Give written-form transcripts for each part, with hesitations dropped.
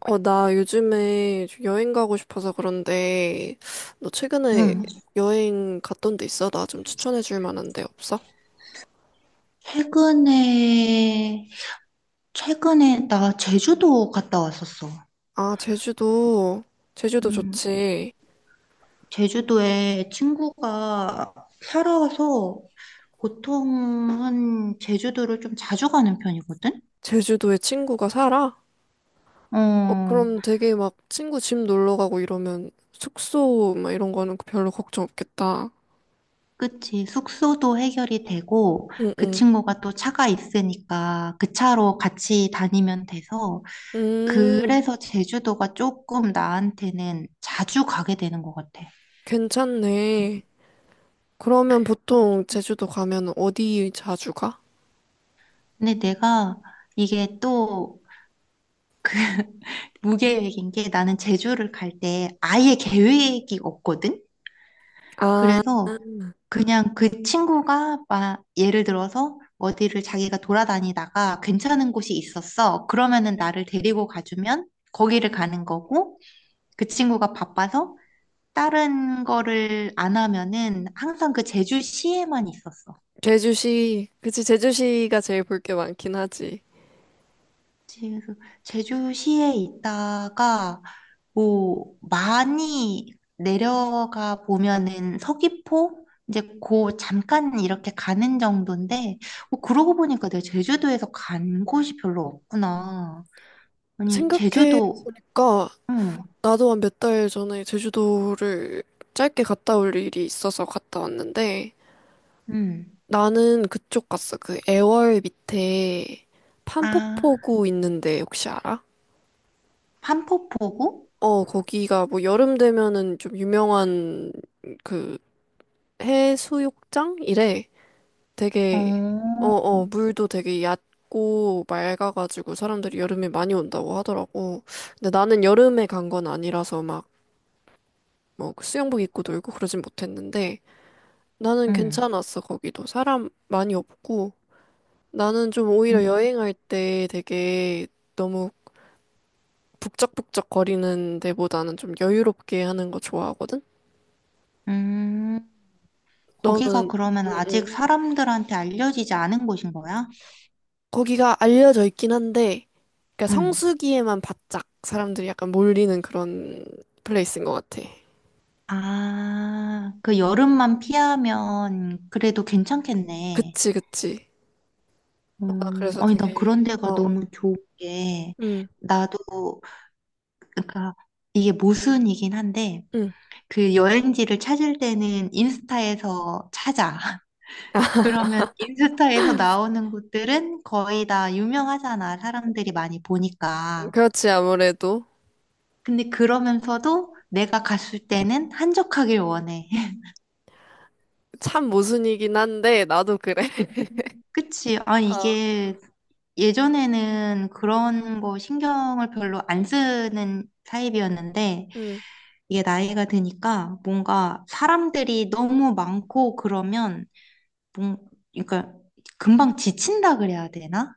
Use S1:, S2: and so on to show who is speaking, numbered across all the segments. S1: 나 요즘에 좀 여행 가고 싶어서 그런데, 너 최근에
S2: 응.
S1: 여행 갔던 데 있어? 나 좀 추천해 줄 만한 데 없어?
S2: 최근에, 최근에 나 제주도 갔다 왔었어.
S1: 아, 제주도. 제주도
S2: 음,
S1: 좋지.
S2: 제주도에 친구가 살아와서 보통은 제주도를 좀 자주 가는 편이거든?
S1: 제주도에 친구가 살아? 어,
S2: 어,
S1: 그럼 되게 막 친구 집 놀러 가고 이러면 숙소 막 이런 거는 별로 걱정 없겠다.
S2: 그치. 숙소도 해결이 되고
S1: 응,
S2: 그
S1: 응.
S2: 친구가 또 차가 있으니까 그 차로 같이 다니면 돼서
S1: 음,
S2: 그래서 제주도가 조금 나한테는 자주 가게 되는 것 같아.
S1: 괜찮네. 그러면 보통 제주도 가면 어디 자주 가?
S2: 근데 내가 이게 또 무계획인 게 나는 제주를 갈 때 아예 계획이 없거든?
S1: 아,
S2: 그래서 그냥 그 친구가 막 예를 들어서 어디를 자기가 돌아다니다가 괜찮은 곳이 있었어. 그러면은 나를 데리고 가주면 거기를 가는 거고 그 친구가 바빠서 다른 거를 안 하면은 항상 그 제주시에만 있었어.
S1: 제주시, 그치, 제주시가 제일 볼 게 많긴 하지.
S2: 그래서 제주시에 있다가 뭐 많이 내려가 보면은 서귀포 이제 고 잠깐 이렇게 가는 정도인데 뭐 그러고 보니까 내가 제주도에서 간 곳이 별로 없구나. 아니 제주도.
S1: 생각해보니까
S2: 응,
S1: 나도 한 몇 달 전에 제주도를 짧게 갔다 올 일이 있어서 갔다 왔는데
S2: 응.
S1: 나는 그쪽 갔어. 그 애월 밑에
S2: 아,
S1: 판포포구 있는데 혹시 알아?
S2: 판포포구?
S1: 어, 거기가 뭐 여름 되면은 좀 유명한 그 해수욕장? 이래.
S2: 어,
S1: 되게 어어 물도 되게 얕고 맑아가지고 사람들이 여름에 많이 온다고 하더라고. 근데 나는 여름에 간 건 아니라서 막뭐 그 수영복 입고 놀고 그러진 못했는데 나는
S2: 응,
S1: 괜찮았어 거기도 사람 많이 없고 나는 좀
S2: 응,
S1: 오히려 여행할 때 되게 너무 북적북적 거리는 데보다는 좀 여유롭게 하는 거 좋아하거든.
S2: 음. 거기가
S1: 너는
S2: 그러면 아직
S1: 응응
S2: 사람들한테 알려지지 않은 곳인 거야?
S1: 거기가 알려져 있긴 한데, 그러니까
S2: 응.
S1: 성수기에만 바짝 사람들이 약간 몰리는 그런 플레이스인 것 같아.
S2: 아, 그 여름만 피하면 그래도 괜찮겠네.
S1: 그치, 그치. 아, 그래서
S2: 아니, 난
S1: 되게,
S2: 그런
S1: 어,
S2: 데가
S1: 어.
S2: 너무 좋은 게,
S1: 응,
S2: 나도, 그러니까, 이게 모순이긴 한데,
S1: 응.
S2: 그 여행지를 찾을 때는 인스타에서 찾아. 그러면 인스타에서 나오는 곳들은 거의 다 유명하잖아. 사람들이 많이 보니까.
S1: 그렇지, 아무래도.
S2: 근데 그러면서도 내가 갔을 때는 한적하길 원해.
S1: 참 모순이긴 한데, 나도 그래.
S2: 그치? 아,
S1: 어.
S2: 이게 예전에는 그런 거 신경을 별로 안 쓰는 타입이었는데,
S1: 응,
S2: 이게 나이가 드니까 뭔가 사람들이 너무 많고 그러면 뭔 그러니까 금방 지친다 그래야 되나?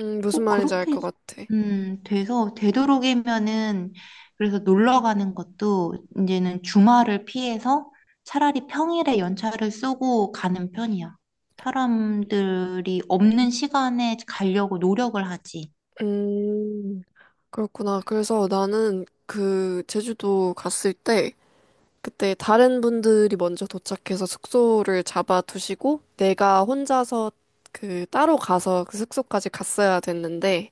S1: 응, 무슨
S2: 꼭
S1: 말인지 알
S2: 그렇게
S1: 것 같아.
S2: 돼서 되도록이면은 그래서 놀러 가는 것도 이제는 주말을 피해서 차라리 평일에 연차를 쓰고 가는 편이야. 사람들이 없는 시간에 가려고 노력을 하지.
S1: 음, 그렇구나. 그래서 나는 그 제주도 갔을 때, 그때 다른 분들이 먼저 도착해서 숙소를 잡아두시고 내가 혼자서 그 따로 가서 그 숙소까지 갔어야 됐는데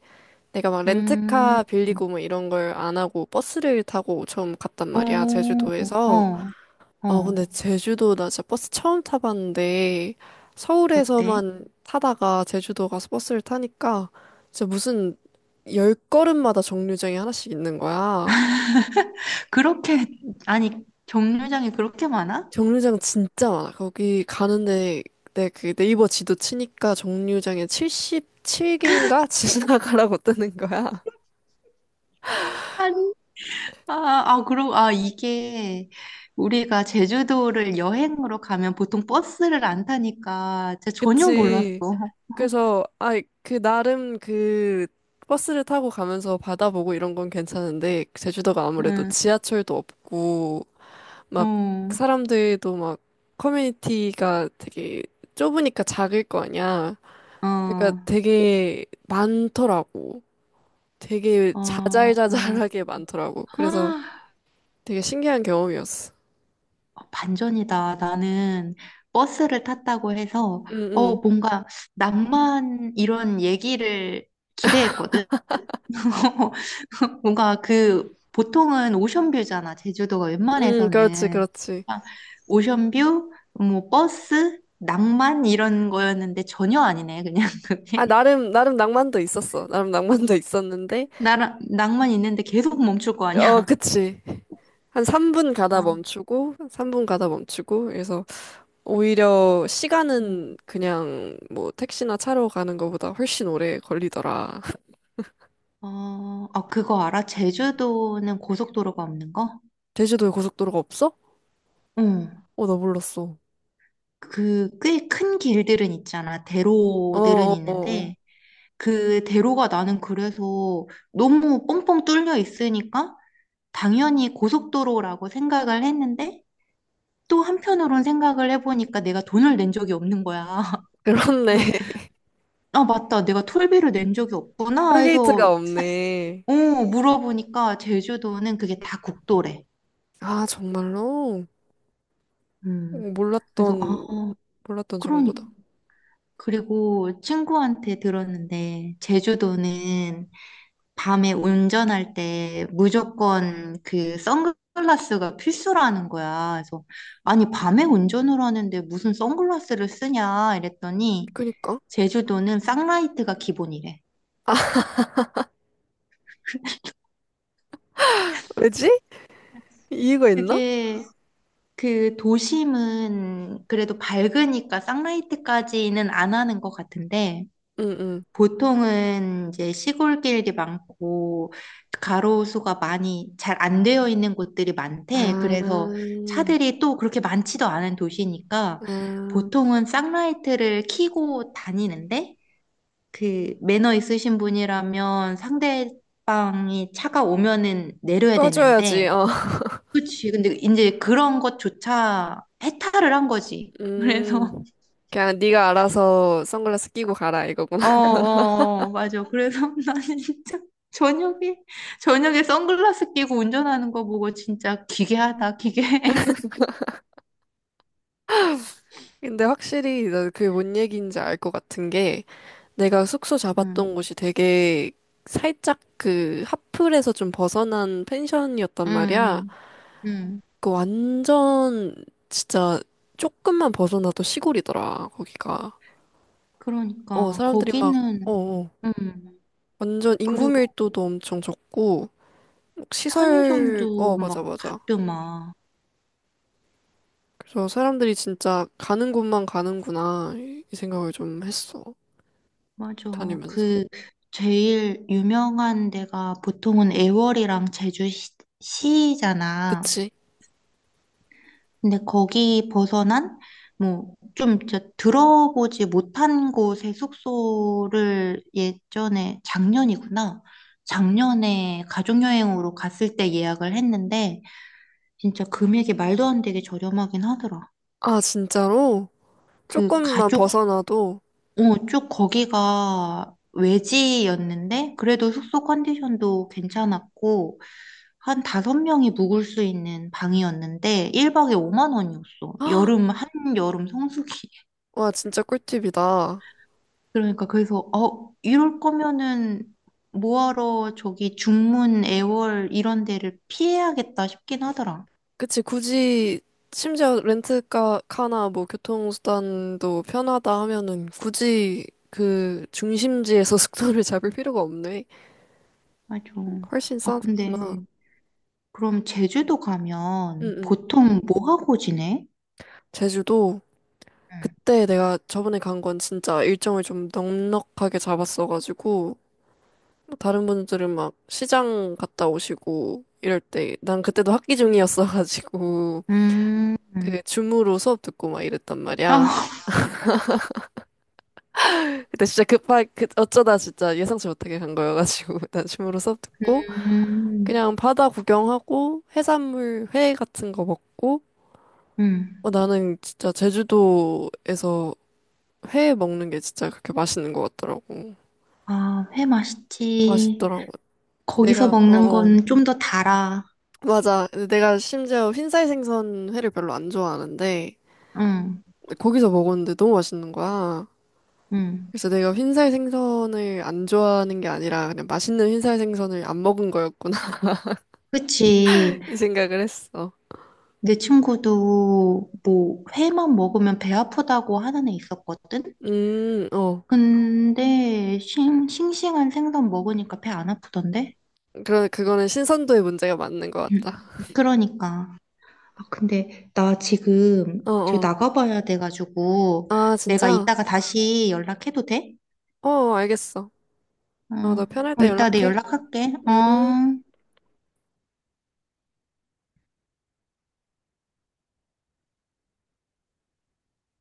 S1: 내가 막
S2: 음,
S1: 렌트카 빌리고 뭐 이런 걸 안 하고 버스를 타고 처음 갔단 말이야
S2: 오,
S1: 제주도에서.
S2: 어,
S1: 아
S2: 어,
S1: 근데 제주도 나 진짜 버스 처음 타봤는데
S2: 어때?
S1: 서울에서만 타다가 제주도 가서 버스를 타니까 진짜 무슨 열 걸음마다 정류장이 하나씩 있는 거야.
S2: 그렇게. 아니 정류장이 그렇게 많아?
S1: 정류장 진짜 많아. 거기 가는데 내그 네이버 지도 치니까 정류장에 77개인가 지나가라고 뜨는 거야.
S2: 아니. 아, 아, 그럼, 아, 이게 우리가 제주도를 여행으로 가면 보통 버스를 안 타니까 진짜 전혀 몰랐어.
S1: 그치. 그래서 아, 그 나름 그 버스를 타고 가면서 바다 보고 이런 건 괜찮은데 제주도가 아무래도
S2: 응,
S1: 지하철도 없고 막
S2: 어,
S1: 사람들도 막 커뮤니티가 되게 좁으니까 작을 거 아니야. 그러니까
S2: 어,
S1: 되게 많더라고. 되게
S2: 어,
S1: 자잘자잘하게 많더라고. 그래서
S2: 아,
S1: 되게 신기한 경험이었어.
S2: 어, 반전이다. 나는 버스를 탔다고 해서,
S1: 응,
S2: 어,
S1: 응,
S2: 뭔가 낭만 이런 얘기를 기대했거든. 뭔가 그, 보통은 오션뷰잖아. 제주도가
S1: 응, 그렇지,
S2: 웬만해서는.
S1: 그렇지.
S2: 아, 오션뷰, 뭐, 버스, 낭만 이런 거였는데 전혀 아니네. 그냥
S1: 아,
S2: 그게.
S1: 나름, 나름 낭만도 있었어. 나름 낭만도 있었는데,
S2: 낭만 있는데 계속 멈출 거
S1: 어,
S2: 아니야.
S1: 그치. 한 3분 가다
S2: 어,
S1: 멈추고, 3분 가다 멈추고, 그래서 오히려 시간은
S2: 음.
S1: 그냥 뭐 택시나 차로 가는 것보다 훨씬 오래 걸리더라.
S2: 어, 아, 그거 알아? 제주도는 고속도로가 없는 거?
S1: 제주도에 고속도로가 없어?
S2: 응.
S1: 어, 나 몰랐어.
S2: 그 꽤 큰 길들은 있잖아.
S1: 어, 어,
S2: 대로들은
S1: 어, 어.
S2: 있는데 그 대로가 나는 그래서 너무 뻥뻥 뚫려 있으니까 당연히 고속도로라고 생각을 했는데 또 한편으론 생각을 해보니까 내가 돈을 낸 적이 없는 거야.
S1: 그렇네.
S2: 그래서 아 맞다. 내가 톨비를 낸 적이 없구나
S1: 톨게이트가
S2: 해서
S1: 없네.
S2: 어, 물어보니까 제주도는 그게 다 국도래.
S1: 아, 정말로? 어,
S2: 음. 그래서 아,
S1: 몰랐던, 몰랐던
S2: 그러니
S1: 정보다.
S2: 그리고 친구한테 들었는데 제주도는 밤에 운전할 때 무조건 그 선글라스가 필수라는 거야. 그래서 아니 밤에 운전을 하는데 무슨 선글라스를 쓰냐 이랬더니
S1: 그니까.
S2: 제주도는 쌍라이트가 기본이래.
S1: 왜지? 이유가 있나?
S2: 그게 그 도심은 그래도 밝으니까 쌍라이트까지는 안 하는 것 같은데
S1: 응, 응.
S2: 보통은 이제 시골길이 많고 가로수가 많이 잘 안 되어 있는 곳들이 많대.
S1: 아,
S2: 그래서 차들이 또 그렇게 많지도 않은 도시니까
S1: 아,
S2: 보통은 쌍라이트를 켜고 다니는데 그 매너 있으신 분이라면 상대방이 차가 오면은 내려야
S1: 꺼줘야지,
S2: 되는데
S1: 어.
S2: 그치. 근데 이제 그런 것조차 해탈을 한 거지. 그래서
S1: 음, 그냥 네가 알아서 선글라스 끼고 가라, 이거구나.
S2: 어, 어, 어, 맞아. 그래서 나는 진짜 저녁에, 저녁에 선글라스 끼고 운전하는 거 보고 진짜 기괴하다, 기괴.
S1: 근데 확실히 나 그게 뭔 얘기인지 알 것 같은 게, 내가 숙소
S2: 응,
S1: 잡았던 곳이 되게 살짝 그 하플에서 좀 벗어난 펜션이었단
S2: 응,
S1: 말이야.
S2: 응. 응.
S1: 그 완전 진짜 조금만 벗어나도 시골이더라, 거기가. 어,
S2: 그러니까,
S1: 사람들이 막, 어,
S2: 거기는,
S1: 어,
S2: 응.
S1: 완전 인구
S2: 그리고
S1: 밀도도 엄청 적고, 시설,
S2: 편의점도
S1: 어, 맞아,
S2: 막
S1: 맞아.
S2: 닫더만.
S1: 그래서 사람들이 진짜 가는 곳만 가는구나, 이, 이 생각을 좀 했어.
S2: 맞아.
S1: 다니면서.
S2: 그, 제일 유명한 데가 보통은 애월이랑 제주시잖아.
S1: 그치?
S2: 근데 거기 벗어난 뭐 좀 들어보지 못한 곳의 숙소를 예전에 작년이구나. 작년에 가족여행으로 갔을 때 예약을 했는데 진짜 금액이 말도 안 되게 저렴하긴 하더라.
S1: 아, 진짜로?
S2: 그
S1: 조금만
S2: 가족
S1: 벗어나도,
S2: 어, 쭉 거기가 외지였는데 그래도 숙소 컨디션도 괜찮았고 한 다섯 명이 묵을 수 있는 방이었는데 1박에 5만 원이었어.
S1: 헉,
S2: 여름 성수기.
S1: 와, 진짜 꿀팁이다.
S2: 그러니까 그래서 이럴 거면은 뭐하러 저기 중문 애월 이런 데를 피해야겠다 싶긴 하더라.
S1: 그치, 굳이, 심지어 렌트카나 뭐 교통수단도 편하다 하면은 굳이 그 중심지에서 숙소를 잡을 필요가 없네.
S2: 맞아.
S1: 훨씬
S2: 아
S1: 싸구나.
S2: 근데 그럼 제주도 가면
S1: 응,
S2: 보통 뭐 하고 지내?
S1: 제주도 그때 내가 저번에 간 건 진짜 일정을 좀 넉넉하게 잡았어가지고 뭐 다른 분들은 막 시장 갔다 오시고 이럴 때 난 그때도 학기 중이었어가지고
S2: 응. 음.
S1: 그 줌으로 수업 듣고 막 이랬단
S2: 아,
S1: 말이야. 그때 진짜 급하 그 어쩌다 진짜 예상치 못하게 간 거여가지고 난 줌으로 수업 듣고
S2: 음.
S1: 그냥 바다 구경하고 해산물 회 같은 거 먹고
S2: 음.
S1: 어, 나는 진짜 제주도에서 회 먹는 게 진짜 그렇게 맛있는 것 같더라고.
S2: 아, 회 맛있지.
S1: 맛있더라고.
S2: 거기서
S1: 내가,
S2: 먹는
S1: 어어.
S2: 건 좀 더 달아.
S1: 맞아. 내가 심지어 흰살 생선 회를 별로 안 좋아하는데,
S2: 응.
S1: 거기서 먹었는데 너무 맛있는 거야.
S2: 응.
S1: 그래서 내가 흰살 생선을 안 좋아하는 게 아니라 그냥 맛있는 흰살 생선을 안 먹은 거였구나.
S2: 그치.
S1: 이 생각을 했어.
S2: 내 친구도 뭐 회만 먹으면 배 아프다고 하는 애 있었거든?
S1: 어.
S2: 근데 싱싱한 생선 먹으니까 배 안 아프던데?
S1: 그러, 그거는 신선도의 문제가 맞는 것
S2: 음,
S1: 같다.
S2: 그러니까. 아, 근데 나 지금 저
S1: 어어.
S2: 나가봐야 돼가지고
S1: 아,
S2: 내가
S1: 진짜?
S2: 이따가 다시 연락해도 돼?
S1: 어, 알겠어.
S2: 어,
S1: 어, 너 편할
S2: 그럼
S1: 때
S2: 이따가 내
S1: 연락해.
S2: 연락할게.
S1: 음.
S2: 어.